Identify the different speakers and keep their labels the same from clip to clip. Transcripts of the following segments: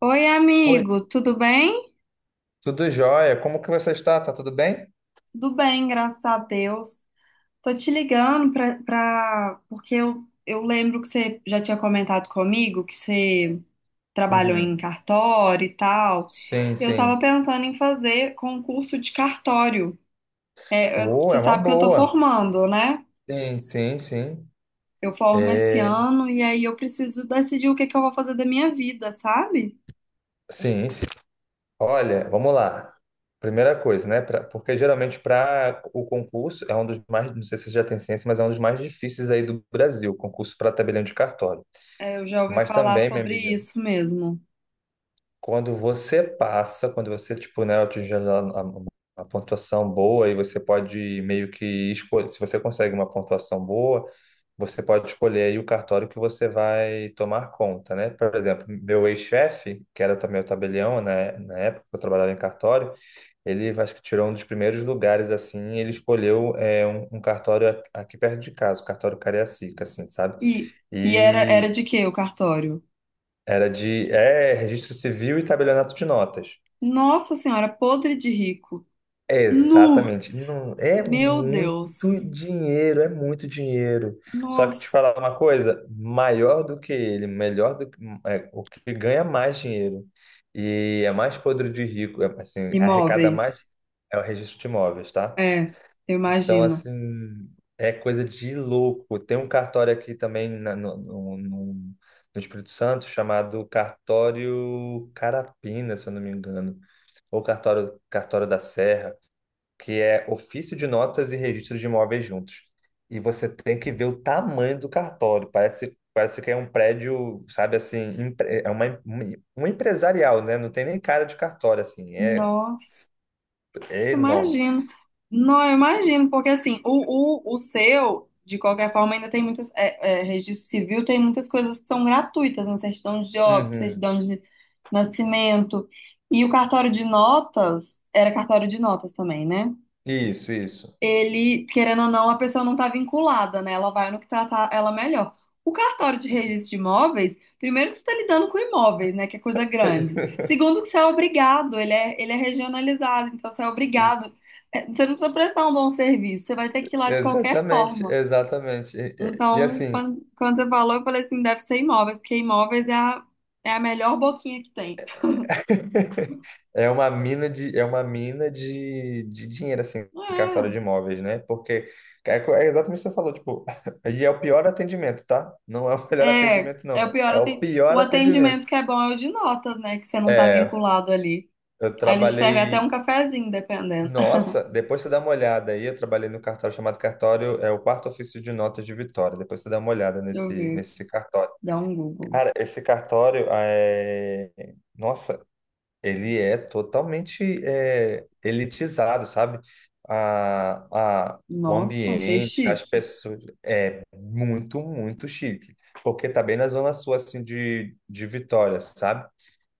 Speaker 1: Oi,
Speaker 2: Oi,
Speaker 1: amigo, tudo bem?
Speaker 2: tudo jóia? Como que você está? Tá tudo bem?
Speaker 1: Tudo bem, graças a Deus. Tô te ligando porque eu lembro que você já tinha comentado comigo que você trabalhou em
Speaker 2: Uhum.
Speaker 1: cartório e tal.
Speaker 2: Sim,
Speaker 1: Eu tava
Speaker 2: sim.
Speaker 1: pensando em fazer concurso de cartório. Eu-
Speaker 2: Oh,
Speaker 1: você
Speaker 2: é uma
Speaker 1: sabe que eu tô
Speaker 2: boa.
Speaker 1: formando, né?
Speaker 2: Sim.
Speaker 1: Eu formo esse
Speaker 2: É,
Speaker 1: ano e aí eu preciso decidir o que que eu vou fazer da minha vida, sabe?
Speaker 2: sim. Olha, vamos lá. Primeira coisa, né? Porque geralmente para o concurso é um dos mais, não sei se você já tem ciência, mas é um dos mais difíceis aí do Brasil, concurso para tabelião de cartório.
Speaker 1: É, eu já ouvi
Speaker 2: Mas
Speaker 1: falar
Speaker 2: também, minha
Speaker 1: sobre
Speaker 2: amiga,
Speaker 1: isso mesmo.
Speaker 2: quando você passa, quando você, tipo, né, atinge a pontuação boa e você pode meio que escolher, se você consegue uma pontuação boa, você pode escolher aí o cartório que você vai tomar conta, né? Por exemplo, meu ex-chefe, que era também o tabelião, né, na época que eu trabalhava em cartório, ele acho que tirou um dos primeiros lugares, assim, ele escolheu um cartório aqui perto de casa, o cartório Cariacica, assim, sabe?
Speaker 1: E, e era, era
Speaker 2: E
Speaker 1: de quê o cartório?
Speaker 2: era de registro civil e tabelionato de notas.
Speaker 1: Nossa Senhora, podre de rico. Nu!
Speaker 2: Exatamente. Não, é
Speaker 1: Meu Deus.
Speaker 2: muito dinheiro, é muito dinheiro. Só que
Speaker 1: Nossa.
Speaker 2: te falar uma coisa, maior do que ele, melhor do que o que ganha mais dinheiro e é mais podre de rico, é, assim, arrecada mais
Speaker 1: Imóveis.
Speaker 2: é o registro de imóveis, tá?
Speaker 1: É, eu
Speaker 2: Então, assim,
Speaker 1: imagino.
Speaker 2: é coisa de louco. Tem um cartório aqui também no Espírito Santo chamado Cartório Carapina, se eu não me engano, ou Cartório da Serra, que é ofício de notas e registro de imóveis juntos. E você tem que ver o tamanho do cartório. Parece que é um prédio, sabe, assim, é um empresarial, né? Não tem nem cara de cartório, assim.
Speaker 1: Nossa,
Speaker 2: É
Speaker 1: eu
Speaker 2: enorme.
Speaker 1: imagino. Não, eu imagino, porque assim, o seu, de qualquer forma, ainda tem muitas. Registro civil tem muitas coisas que são gratuitas, né? Certidão de óbito,
Speaker 2: Uhum.
Speaker 1: certidão de nascimento. E o cartório de notas, era cartório de notas também, né?
Speaker 2: Isso.
Speaker 1: Ele, querendo ou não, a pessoa não está vinculada, né? Ela vai no que tratar ela melhor. O cartório de registro de imóveis, primeiro que você está lidando com imóveis, né? Que é coisa grande. Segundo que você é obrigado, ele é regionalizado, então você é obrigado. É, você não precisa prestar um bom serviço, você vai ter que ir lá de qualquer
Speaker 2: Exatamente,
Speaker 1: forma.
Speaker 2: exatamente. E,
Speaker 1: Então,
Speaker 2: assim,
Speaker 1: quando você falou, eu falei assim, deve ser imóveis, porque imóveis é a melhor boquinha que tem.
Speaker 2: É uma mina de, é uma mina de dinheiro, assim, em cartório de imóveis, né? Porque é exatamente o que você falou, tipo, e é o pior atendimento, tá? Não é o melhor atendimento,
Speaker 1: É
Speaker 2: não.
Speaker 1: o pior,
Speaker 2: É o pior
Speaker 1: o
Speaker 2: atendimento.
Speaker 1: atendimento que é bom é o de notas, né? Que você não tá
Speaker 2: É,
Speaker 1: vinculado ali.
Speaker 2: eu
Speaker 1: Aí eles servem até um
Speaker 2: trabalhei.
Speaker 1: cafezinho, dependendo.
Speaker 2: Nossa, depois você dá uma olhada aí. Eu trabalhei no cartório chamado é o quarto ofício de notas de Vitória. Depois você dá uma olhada
Speaker 1: Deixa eu ver aqui.
Speaker 2: nesse cartório.
Speaker 1: Dá um Google.
Speaker 2: Cara, esse cartório é. Nossa, ele é totalmente elitizado, sabe? O
Speaker 1: Nossa, achei
Speaker 2: ambiente, as
Speaker 1: chique.
Speaker 2: pessoas, é muito chique, porque tá bem na zona sul, assim, de Vitória, sabe?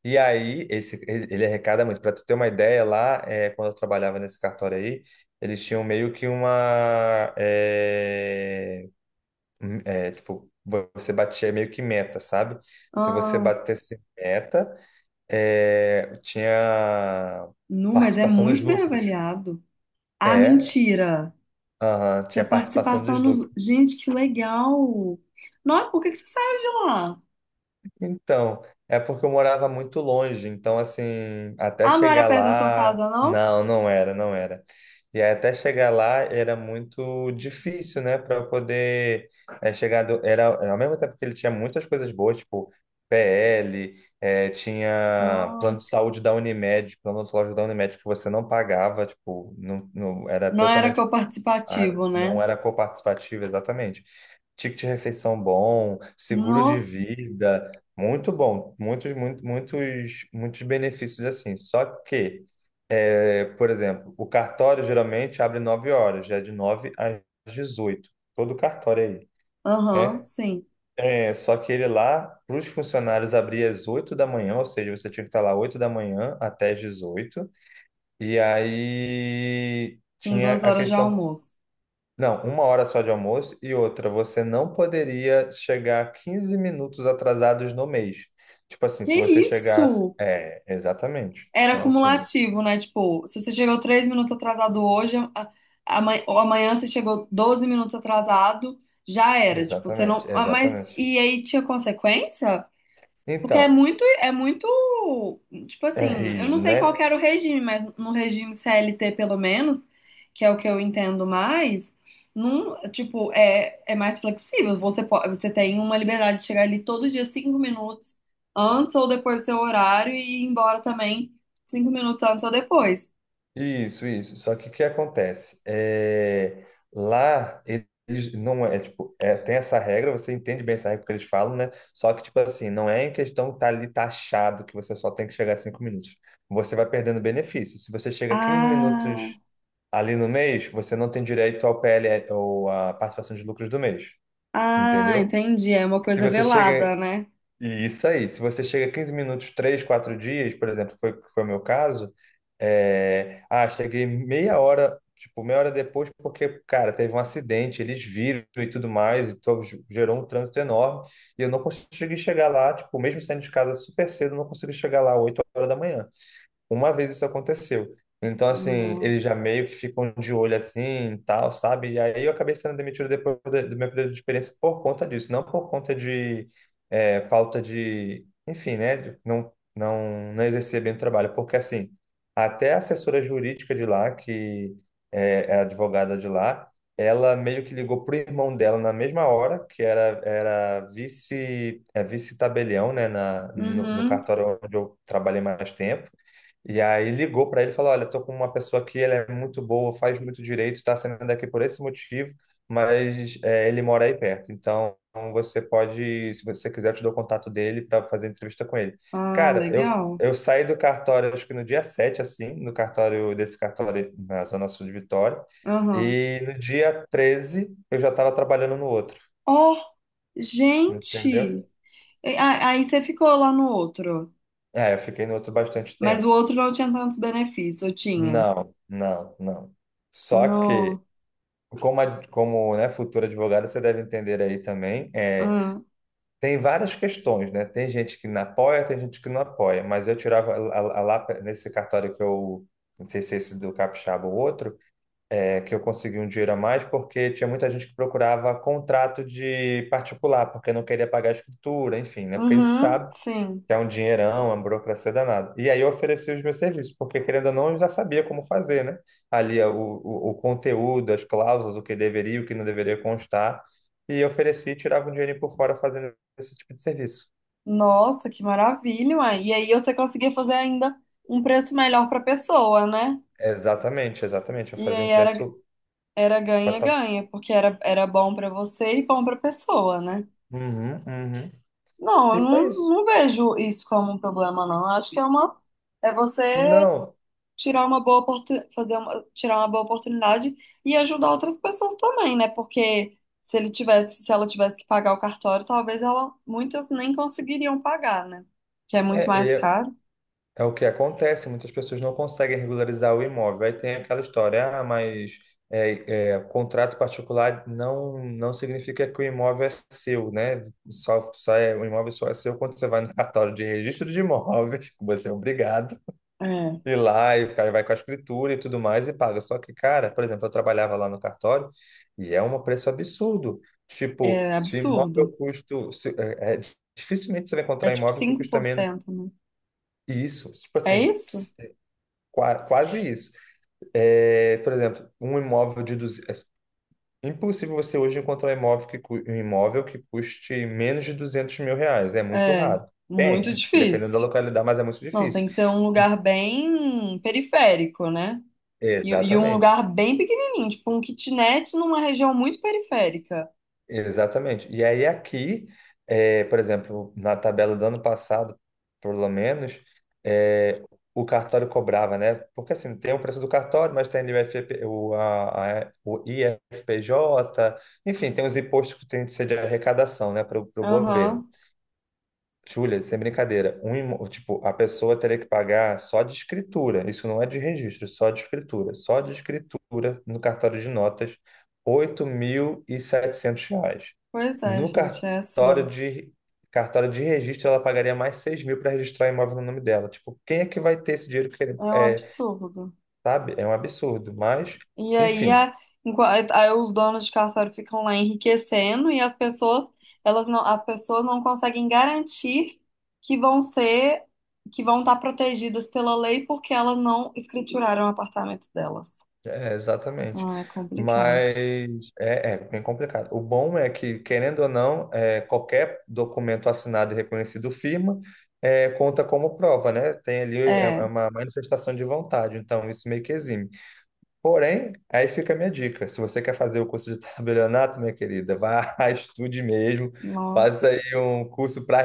Speaker 2: E aí, esse, ele arrecada muito. Para tu ter uma ideia, lá, é, quando eu trabalhava nesse cartório aí, eles tinham meio que tipo, você batia meio que meta, sabe? Se você
Speaker 1: Ah,
Speaker 2: batesse meta, é, tinha
Speaker 1: nu, mas é
Speaker 2: participação nos
Speaker 1: muito bem
Speaker 2: lucros.
Speaker 1: avaliado. Ah,
Speaker 2: É,
Speaker 1: mentira.
Speaker 2: aham, tinha
Speaker 1: Tinha
Speaker 2: participação
Speaker 1: participação
Speaker 2: dos lucros.
Speaker 1: nos. Gente, que legal. Nossa, por que que você saiu de lá?
Speaker 2: Então, é porque eu morava muito longe, então assim, até
Speaker 1: Ah, não era
Speaker 2: chegar
Speaker 1: perto da sua
Speaker 2: lá,
Speaker 1: casa, não?
Speaker 2: não era, não era. E aí, até chegar lá era muito difícil, né, para eu poder era ao mesmo tempo que ele tinha muitas coisas boas, tipo PL, é, tinha plano de
Speaker 1: Nossa.
Speaker 2: saúde da Unimed, plano odontológico da Unimed que você não pagava, tipo, não, era
Speaker 1: Não era
Speaker 2: totalmente. Ah,
Speaker 1: coparticipativo,
Speaker 2: não
Speaker 1: né?
Speaker 2: era coparticipativa, exatamente. Ticket de refeição bom, seguro de
Speaker 1: Não.
Speaker 2: vida, muito bom, muitos benefícios assim. Só que, é, por exemplo, o cartório geralmente abre 9 horas, já é de 9 às dezoito, todo cartório é aí,
Speaker 1: Aham,
Speaker 2: né?
Speaker 1: sim.
Speaker 2: É, só que ele lá, para os funcionários, abria às 8 da manhã, ou seja, você tinha que estar lá 8 da manhã até às 18, e aí
Speaker 1: Com
Speaker 2: tinha
Speaker 1: duas
Speaker 2: a
Speaker 1: horas de
Speaker 2: questão.
Speaker 1: almoço.
Speaker 2: Não, uma hora só de almoço e outra, você não poderia chegar 15 minutos atrasados no mês. Tipo assim,
Speaker 1: Que
Speaker 2: se você chegasse.
Speaker 1: isso?
Speaker 2: É, exatamente.
Speaker 1: Era
Speaker 2: Então, assim,
Speaker 1: cumulativo, né? Tipo, se você chegou três minutos atrasado hoje, ou amanhã você chegou 12 minutos atrasado, já era. Tipo, você não.
Speaker 2: exatamente,
Speaker 1: Mas
Speaker 2: exatamente.
Speaker 1: e aí tinha consequência? Porque
Speaker 2: Então,
Speaker 1: é muito, tipo
Speaker 2: é
Speaker 1: assim, eu não
Speaker 2: rígido,
Speaker 1: sei qual que
Speaker 2: né?
Speaker 1: era o regime, mas no regime CLT, pelo menos, que é o que eu entendo mais, não, tipo, é mais flexível. Você pode, você tem uma liberdade de chegar ali todo dia cinco minutos antes ou depois do seu horário e ir embora também cinco minutos antes ou depois.
Speaker 2: Isso. Só que o que acontece? É, lá eles não é tipo, é, tem essa regra, você entende bem essa regra que eles falam, né? Só que tipo assim, não é em questão que tá ali taxado que você só tem que chegar a 5 minutos. Você vai perdendo benefício. Se você chega a 15
Speaker 1: Ah,
Speaker 2: minutos ali no mês, você não tem direito ao PL ou à participação de lucros do mês,
Speaker 1: ah,
Speaker 2: entendeu?
Speaker 1: entendi. É uma
Speaker 2: Se
Speaker 1: coisa
Speaker 2: você chega
Speaker 1: velada, né?
Speaker 2: e isso aí, se você chega 15 minutos, 3 4 dias, por exemplo, foi, foi o meu caso, cheguei meia hora, tipo, meia hora depois, porque, cara, teve um acidente, eles viram e tudo mais, então gerou um trânsito enorme, e eu não consegui chegar lá, tipo, mesmo saindo de casa super cedo, eu não consegui chegar lá 8 horas da manhã uma vez isso aconteceu. Então, assim,
Speaker 1: Não.
Speaker 2: eles já meio que ficam de olho assim, e tal, sabe? E aí eu acabei sendo demitido depois do meu período de experiência por conta disso, não por conta de falta de, enfim, né? de Não, não, não exercer bem o trabalho, porque assim, até a assessora jurídica de lá, que é a advogada de lá, ela meio que ligou pro irmão dela na mesma hora, que era vice, vice-tabelião, né, na, no, no
Speaker 1: Uhum.
Speaker 2: cartório onde eu trabalhei mais tempo. E aí ligou para ele e falou: Olha, tô com uma pessoa aqui, ela é muito boa, faz muito direito, está saindo daqui por esse motivo, mas é, ele mora aí perto. Então você pode, se você quiser, eu te dou o contato dele para fazer entrevista com ele.
Speaker 1: Ah,
Speaker 2: Cara,
Speaker 1: legal.
Speaker 2: eu saí do cartório, acho que no dia 7 assim, no cartório desse cartório na Zona Sul de Vitória,
Speaker 1: Aham.
Speaker 2: e no dia 13 eu já estava trabalhando no outro, entendeu?
Speaker 1: Gente, aí você ficou lá no outro,
Speaker 2: É, eu fiquei no outro bastante
Speaker 1: mas
Speaker 2: tempo.
Speaker 1: o outro não tinha tantos benefícios, eu tinha.
Speaker 2: Não. Só que
Speaker 1: No,
Speaker 2: Como, como, né, futuro advogado, você deve entender aí também. É,
Speaker 1: hum,
Speaker 2: tem várias questões, né? Tem gente que não apoia, tem gente que não apoia. Mas eu tirava a lá nesse cartório que eu, não sei se é esse do Capixaba ou outro, é, que eu consegui um dinheiro a mais porque tinha muita gente que procurava contrato de particular, porque não queria pagar a escritura, enfim, né? Porque a gente
Speaker 1: uhum,
Speaker 2: sabe
Speaker 1: sim.
Speaker 2: que é um dinheirão, é uma burocracia danada. E aí eu ofereci os meus serviços, porque querendo ou não, eu já sabia como fazer, né? Ali ó, o conteúdo, as cláusulas, o que deveria, o que não deveria constar, e eu ofereci e tirava um dinheiro por fora fazendo esse tipo de serviço.
Speaker 1: Nossa, que maravilha, uai. E aí você conseguia fazer ainda um preço melhor para pessoa, né?
Speaker 2: Exatamente. Eu
Speaker 1: E
Speaker 2: fazia um
Speaker 1: aí
Speaker 2: preço.
Speaker 1: era
Speaker 2: Pode falar.
Speaker 1: ganha-ganha, porque era bom para você e bom para pessoa, né?
Speaker 2: Uhum.
Speaker 1: Não, eu
Speaker 2: E foi
Speaker 1: não,
Speaker 2: isso.
Speaker 1: não vejo isso como um problema, não. Eu acho que é uma é você
Speaker 2: Não,
Speaker 1: tirar uma fazer uma, tirar uma boa oportunidade e ajudar outras pessoas também, né? Porque se ele tivesse, se ela tivesse que pagar o cartório, talvez ela muitas nem conseguiriam pagar, né? Que é muito mais
Speaker 2: é,
Speaker 1: caro.
Speaker 2: é o que acontece, muitas pessoas não conseguem regularizar o imóvel. Aí tem aquela história, ah, mas contrato particular não significa que o imóvel é seu, né? O imóvel só é seu quando você vai no cartório de registro de imóveis, que você é obrigado
Speaker 1: É,
Speaker 2: ir lá e o cara vai com a escritura e tudo mais e paga. Só que, cara, por exemplo, eu trabalhava lá no cartório e é um preço absurdo. Tipo,
Speaker 1: é
Speaker 2: se o
Speaker 1: absurdo.
Speaker 2: imóvel custa, se- é, é, dificilmente você vai
Speaker 1: É
Speaker 2: encontrar
Speaker 1: tipo
Speaker 2: imóvel que custa menos.
Speaker 1: 5%, né?
Speaker 2: Isso, tipo
Speaker 1: É
Speaker 2: assim,
Speaker 1: isso?
Speaker 2: Quase isso. É, por exemplo, um imóvel de 200... É impossível você hoje encontrar um imóvel um imóvel que custe menos de R$ 200.000. É muito
Speaker 1: É,
Speaker 2: raro.
Speaker 1: muito
Speaker 2: Tem, dependendo da
Speaker 1: difícil.
Speaker 2: localidade, mas é muito
Speaker 1: Não,
Speaker 2: difícil.
Speaker 1: tem que ser um lugar bem periférico, né? E um
Speaker 2: Exatamente.
Speaker 1: lugar bem pequenininho, tipo um kitnet numa região muito periférica.
Speaker 2: Exatamente. E aí aqui, eh, por exemplo, na tabela do ano passado, pelo menos, eh, o cartório cobrava, né? Porque assim, tem o preço do cartório, mas tem ali FP, o IFPJ, enfim, tem os impostos que tem de ser de arrecadação, né, para o governo.
Speaker 1: Aham.
Speaker 2: Júlia, sem brincadeira, tipo, a pessoa teria que pagar só de escritura, isso não é de registro, só de escritura no cartório de notas, R$ 8.700.
Speaker 1: Pois é,
Speaker 2: No
Speaker 1: gente, é assim,
Speaker 2: cartório de registro, ela pagaria mais 6.000 para registrar o imóvel no nome dela. Tipo, quem é que vai ter esse dinheiro que ele,
Speaker 1: é um
Speaker 2: é,
Speaker 1: absurdo.
Speaker 2: sabe? É um absurdo, mas,
Speaker 1: E aí,
Speaker 2: enfim.
Speaker 1: aí os donos de cartório ficam lá enriquecendo e as pessoas, elas não, as pessoas não conseguem garantir que vão ser, que vão estar protegidas pela lei porque elas não escrituraram o apartamento delas.
Speaker 2: É, exatamente.
Speaker 1: Ah, é complicado.
Speaker 2: Mas é, é bem complicado. O bom é que, querendo ou não, é, qualquer documento assinado e reconhecido firma é, conta como prova, né? Tem ali é
Speaker 1: É,
Speaker 2: uma manifestação de vontade, então isso meio que exime. Porém, aí fica a minha dica. Se você quer fazer o curso de tabelionato, minha querida, vá, estude mesmo, faça
Speaker 1: nossa,
Speaker 2: aí um curso para...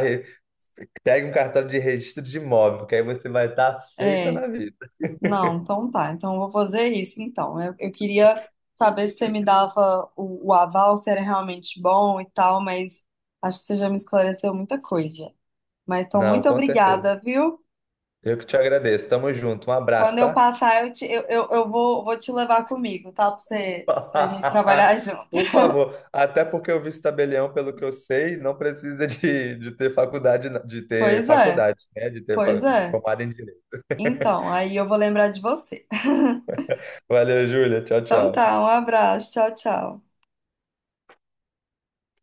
Speaker 2: Pegue um cartório de registro de imóvel, que aí você vai estar feita
Speaker 1: é.
Speaker 2: na vida.
Speaker 1: Não, então tá. Então eu vou fazer isso então. Eu queria saber se você me dava o aval, se era realmente bom e tal, mas acho que você já me esclareceu muita coisa. Mas então,
Speaker 2: Não,
Speaker 1: muito
Speaker 2: com certeza.
Speaker 1: obrigada, viu?
Speaker 2: Eu que te agradeço. Tamo junto. Um abraço,
Speaker 1: Quando eu
Speaker 2: tá?
Speaker 1: passar, eu, te- eu vou, vou te levar comigo, tá? Pra gente trabalhar junto.
Speaker 2: Por favor. Até porque o vice-tabelião, pelo que eu sei, não precisa de ter faculdade,
Speaker 1: Pois é,
Speaker 2: né? De ter
Speaker 1: pois é.
Speaker 2: formado em direito.
Speaker 1: Então, aí eu vou lembrar de você.
Speaker 2: Valeu, Júlia. Tchau,
Speaker 1: Então
Speaker 2: tchau.
Speaker 1: tá, um abraço, tchau, tchau.